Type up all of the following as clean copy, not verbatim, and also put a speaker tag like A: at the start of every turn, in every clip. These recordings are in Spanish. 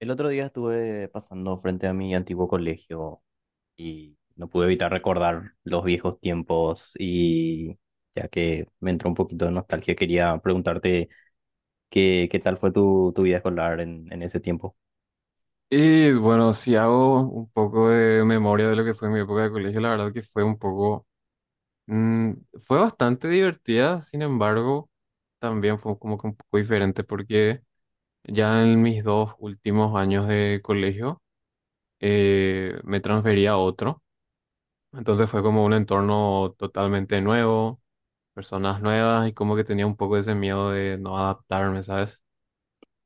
A: El otro día estuve pasando frente a mi antiguo colegio y no pude evitar recordar los viejos tiempos y ya que me entró un poquito de nostalgia, quería preguntarte qué tal fue tu vida escolar en ese tiempo.
B: Y bueno, si hago un poco de memoria de lo que fue mi época de colegio, la verdad que fue un poco, mm, fue bastante divertida. Sin embargo, también fue como que un poco diferente porque ya en mis dos últimos años de colegio me transferí a otro. Entonces fue como un entorno totalmente nuevo, personas nuevas, y como que tenía un poco ese miedo de no adaptarme, ¿sabes?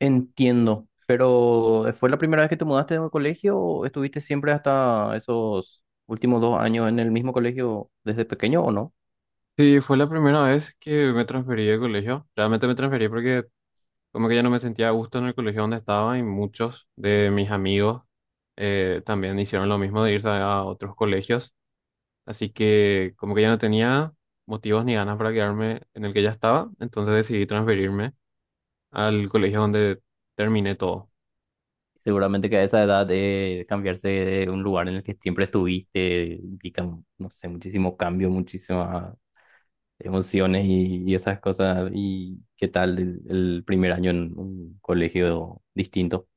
A: Entiendo, pero ¿fue la primera vez que te mudaste de colegio o estuviste siempre hasta esos últimos dos años en el mismo colegio desde pequeño o no?
B: Sí, fue la primera vez que me transferí de colegio. Realmente me transferí porque Como que ya no me sentía a gusto en el colegio donde estaba, y muchos de mis amigos también hicieron lo mismo de irse a otros colegios. Así que como que ya no tenía motivos ni ganas para quedarme en el que ya estaba, entonces decidí transferirme al colegio donde terminé todo.
A: Seguramente que a esa edad cambiarse de un lugar en el que siempre estuviste implica, no sé, muchísimo cambio, muchísimas emociones y esas cosas. ¿Y qué tal el primer año en un colegio distinto?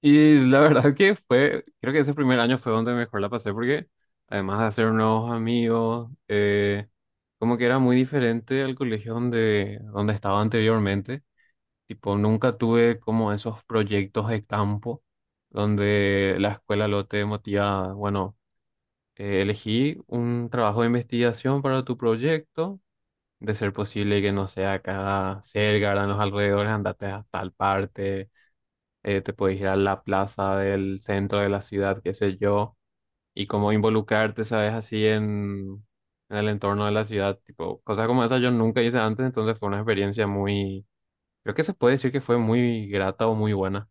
B: Y la verdad que creo que ese primer año fue donde mejor la pasé, porque además de hacer nuevos amigos, como que era muy diferente al colegio donde estaba anteriormente. Tipo, nunca tuve como esos proyectos de campo donde la escuela lo te motiva, bueno, elegí un trabajo de investigación para tu proyecto, de ser posible que no sea acá cerca, en los alrededores, andate a tal parte, te puedes ir a la plaza del centro de la ciudad, qué sé yo, y como involucrarte, sabes, así en el entorno de la ciudad. Tipo, cosas como esas yo nunca hice antes, entonces fue una experiencia muy creo que se puede decir que fue muy grata o muy buena.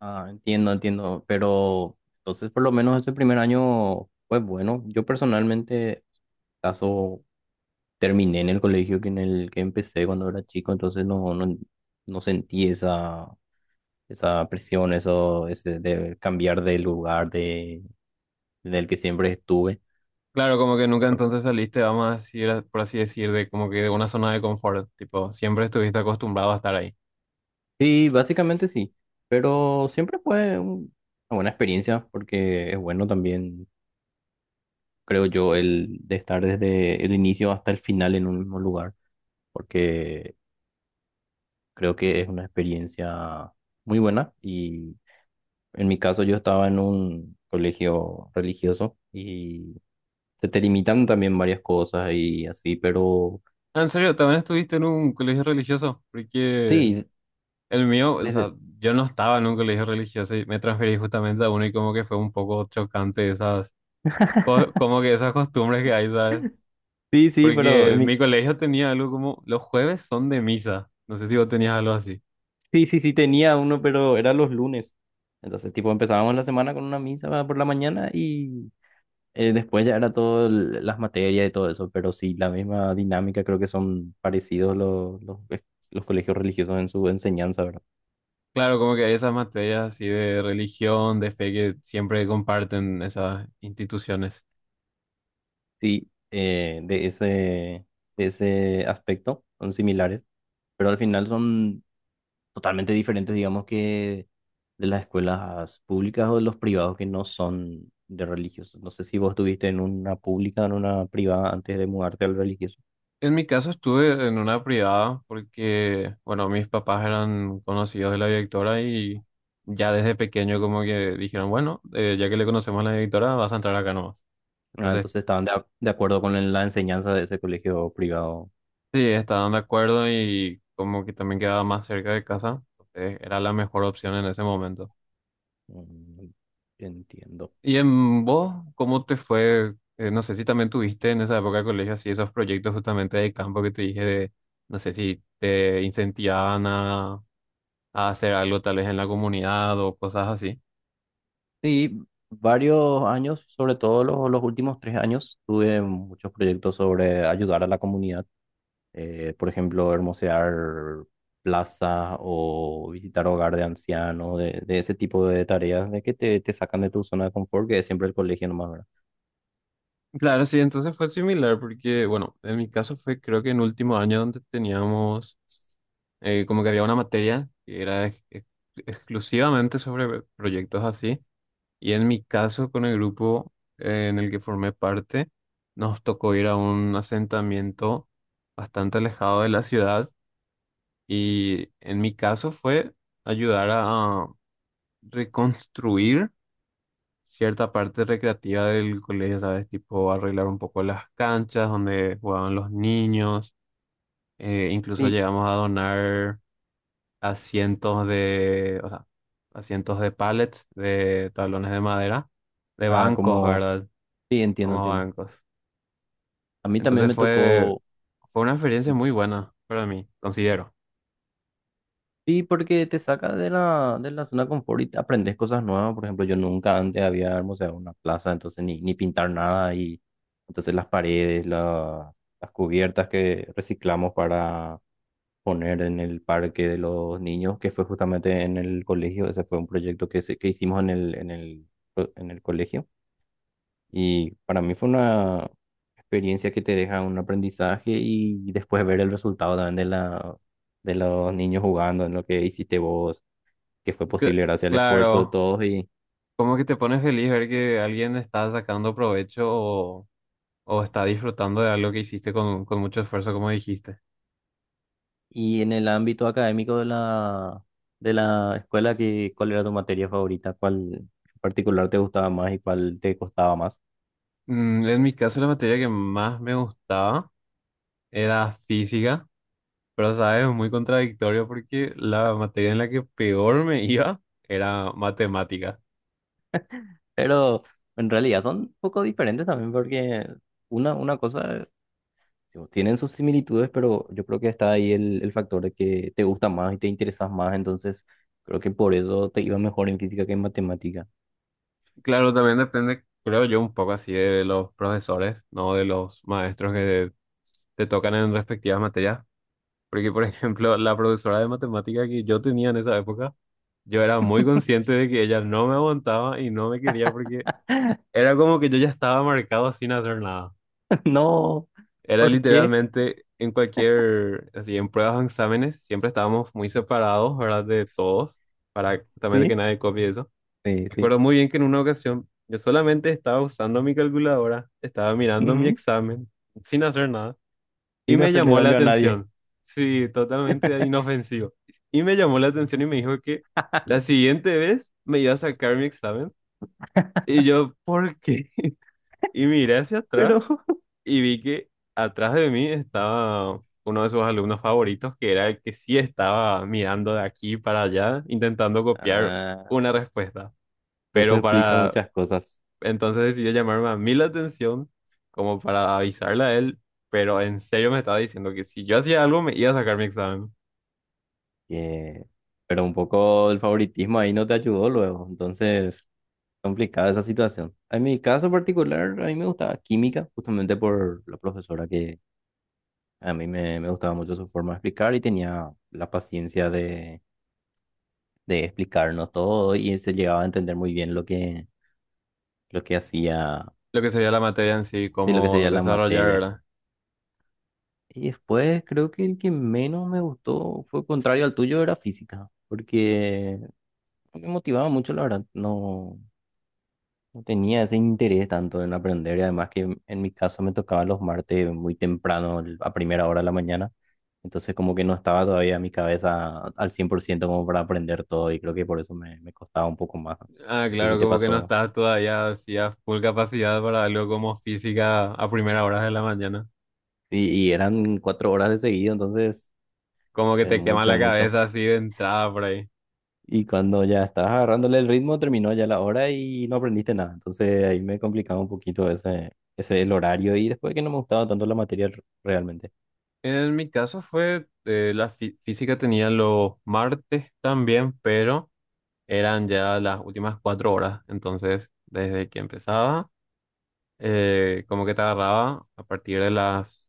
A: Ah, entiendo, entiendo, pero entonces por lo menos ese primer año, pues bueno, yo personalmente caso terminé en el colegio que en el que empecé cuando era chico, entonces no sentí esa presión, eso, ese de cambiar de lugar de, del que siempre estuve.
B: Claro, como que nunca entonces saliste, vamos a decir, por así decir, de como que de una zona de confort, tipo, siempre estuviste acostumbrado a estar ahí.
A: Sí, básicamente sí, pero siempre fue una buena experiencia porque es bueno también, creo yo, el de estar desde el inicio hasta el final en un mismo lugar, porque creo que es una experiencia muy buena y en mi caso yo estaba en un colegio religioso y se te limitan también varias cosas y así, pero
B: Ah, en serio, también estuviste en un colegio religioso, porque
A: sí.
B: el mío, o
A: Desde,
B: sea, yo no estaba en un colegio religioso y me transferí justamente a uno, y como que fue un poco chocante como que esas costumbres que hay, ¿sabes?
A: Sí, sí, pero
B: Porque
A: en
B: mi
A: mi...
B: colegio tenía algo como, los jueves son de misa, no sé si vos tenías algo así.
A: Sí, sí, sí tenía uno, pero era los lunes. Entonces, tipo, empezábamos la semana con una misa por la mañana y después ya era todo las materias y todo eso, pero sí, la misma dinámica, creo que son parecidos los colegios religiosos en su enseñanza, ¿verdad?
B: Claro, como que hay esas materias así de religión, de fe, que siempre comparten esas instituciones.
A: Sí, de ese aspecto son similares, pero al final son totalmente diferentes, digamos, que de las escuelas públicas o de los privados que no son de religiosos. No sé si vos estuviste en una pública o en una privada antes de mudarte al religioso.
B: En mi caso estuve en una privada porque, bueno, mis papás eran conocidos de la directora, y ya desde pequeño como que dijeron, bueno, ya que le conocemos a la directora, vas a entrar acá nomás.
A: Ah,
B: Entonces,
A: entonces estaban de, de acuerdo con la enseñanza de ese colegio privado.
B: sí, estaban de acuerdo, y como que también quedaba más cerca de casa, entonces era la mejor opción en ese momento.
A: Mm, entiendo.
B: Y en vos, ¿cómo te fue? No sé si también tuviste en esa época de colegio así esos proyectos justamente de campo que te dije de, no sé si te incentivaban a hacer algo tal vez en la comunidad o cosas así.
A: Sí, varios años, sobre todo los últimos tres años, tuve muchos proyectos sobre ayudar a la comunidad. Eh, por ejemplo, hermosear plazas o visitar hogar de ancianos, de ese tipo de tareas, de que te sacan de tu zona de confort, que es siempre el colegio nomás, ¿verdad?
B: Claro, sí, entonces fue similar porque, bueno, en mi caso fue creo que en último año donde teníamos como que había una materia que era exclusivamente sobre proyectos así. Y en mi caso, con el grupo en el que formé parte, nos tocó ir a un asentamiento bastante alejado de la ciudad, y en mi caso fue ayudar a reconstruir cierta parte recreativa del colegio, ¿sabes? Tipo arreglar un poco las canchas donde jugaban los niños, incluso
A: Sí,
B: llegamos a donar asientos de, o sea, asientos de pallets, de tablones de madera, de
A: ah,
B: bancos,
A: como,
B: ¿verdad?
A: sí, entiendo,
B: Como
A: entiendo.
B: bancos.
A: A mí también
B: Entonces
A: me tocó,
B: fue,
A: me.
B: fue una experiencia muy buena para mí, considero.
A: Sí, porque te saca de de la zona de confort y te aprendes cosas nuevas. Por ejemplo, yo nunca antes había hermoseado una plaza, entonces ni pintar nada. Y entonces las paredes, las cubiertas que reciclamos para poner en el parque de los niños, que fue justamente en el colegio. Ese fue un proyecto que, que hicimos en el colegio. Y para mí fue una experiencia que te deja un aprendizaje y después ver el resultado también de de los niños jugando, en lo que hiciste vos, que fue
B: Cl-
A: posible gracias al esfuerzo de
B: claro,
A: todos.
B: como que te pone feliz ver que alguien está sacando provecho, o está disfrutando de algo que hiciste con mucho esfuerzo, como dijiste.
A: Y en el ámbito académico de de la escuela, que, ¿cuál era tu materia favorita? ¿Cuál en particular te gustaba más y cuál te costaba más?
B: En mi caso, la materia que más me gustaba era física, pero sabes, es muy contradictorio porque la materia en la que peor me iba era matemática.
A: Pero en realidad son un poco diferentes también porque... una cosa. Tipo, tienen sus similitudes, pero yo creo que está ahí el factor de que te gusta más y te interesas más, entonces creo que por eso te iba mejor en física que en matemática.
B: Claro, también depende, creo yo, un poco así de los profesores, no de los maestros que te tocan en respectivas materias. Porque, por ejemplo, la profesora de matemática que yo tenía en esa época, yo era muy consciente de que ella no me aguantaba y no me quería, porque era como que yo ya estaba marcado sin hacer nada.
A: No,
B: Era
A: ¿por qué?
B: literalmente en cualquier, así, en pruebas o exámenes, siempre estábamos muy separados, ¿verdad? De todos, para también que
A: Sí,
B: nadie copie eso.
A: sí, sí.
B: Recuerdo muy bien que en una ocasión yo solamente estaba usando mi calculadora, estaba mirando mi
A: Ujú.
B: examen sin hacer nada, y
A: Sin
B: me
A: hacerle
B: llamó la
A: daño a nadie,
B: atención. Sí, totalmente inofensivo. Y me llamó la atención y me dijo que la siguiente vez me iba a sacar mi examen. Y yo, ¿por qué? Y miré hacia
A: pero
B: atrás y vi que atrás de mí estaba uno de sus alumnos favoritos, que era el que sí estaba mirando de aquí para allá, intentando copiar
A: ah,
B: una respuesta.
A: eso
B: Pero
A: explica
B: para
A: muchas cosas.
B: Entonces decidió llamarme a mí la atención como para avisarle a él, pero en serio me estaba diciendo que si yo hacía algo me iba a sacar mi examen.
A: Que- pero un poco el favoritismo ahí no te ayudó luego, entonces complicada esa situación. En mi caso particular, a mí me gustaba química, justamente por la profesora que a mí me gustaba mucho su forma de explicar y tenía la paciencia de explicarnos todo y se llegaba a entender muy bien lo que hacía,
B: Lo que sería la materia en sí,
A: sí, lo que
B: cómo
A: sería la
B: desarrollar,
A: materia.
B: ¿verdad?
A: Y después creo que el que menos me gustó fue contrario al tuyo, era física, porque no me motivaba mucho, la verdad, no, no tenía ese interés tanto en aprender y además que en mi caso me tocaba los martes muy temprano, a primera hora de la mañana. Entonces como que no estaba todavía en mi cabeza al 100% como para aprender todo y creo que por eso me costaba un poco más.
B: Ah,
A: No sé si
B: claro,
A: te
B: como que no
A: pasó.
B: estás todavía así a full capacidad para algo como física a primera hora de la mañana.
A: Y eran cuatro horas de seguido, entonces
B: Como que te quema
A: mucho,
B: la
A: mucho.
B: cabeza así de entrada por ahí.
A: Y cuando ya estabas agarrándole el ritmo, terminó ya la hora y no aprendiste nada. Entonces ahí me complicaba un poquito ese, ese el horario y después que no me gustaba tanto la materia realmente.
B: En mi caso fue, física tenía los martes también, pero eran ya las últimas 4 horas. Entonces, desde que empezaba como que te agarraba a partir de las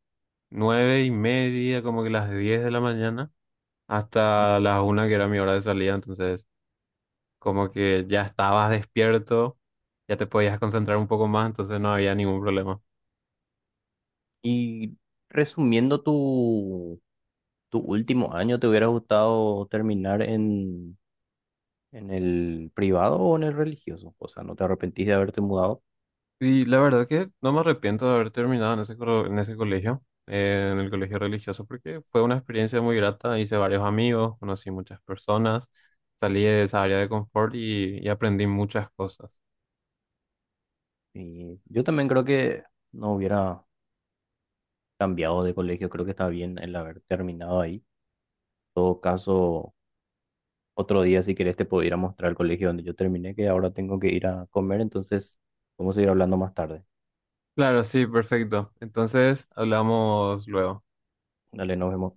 B: 9:30, como que las 10 de la mañana,
A: Mm.
B: hasta la 1 que era mi hora de salida. Entonces como que ya estabas despierto, ya te podías concentrar un poco más, entonces no había ningún problema.
A: Y resumiendo tu, tu último año, ¿te hubiera gustado terminar en el privado o en el religioso? O sea, no te arrepentís de haberte mudado.
B: Y la verdad que no me arrepiento de haber terminado en en ese colegio, en el colegio religioso, porque fue una experiencia muy grata, hice varios amigos, conocí muchas personas, salí de esa área de confort, y aprendí muchas cosas.
A: Y yo también creo que no hubiera cambiado de colegio, creo que está bien el haber terminado ahí. En todo caso, otro día si querés te puedo ir a mostrar el colegio donde yo terminé, que ahora tengo que ir a comer, entonces vamos a ir hablando más tarde.
B: Claro, sí, perfecto. Entonces, hablamos luego.
A: Dale, nos vemos.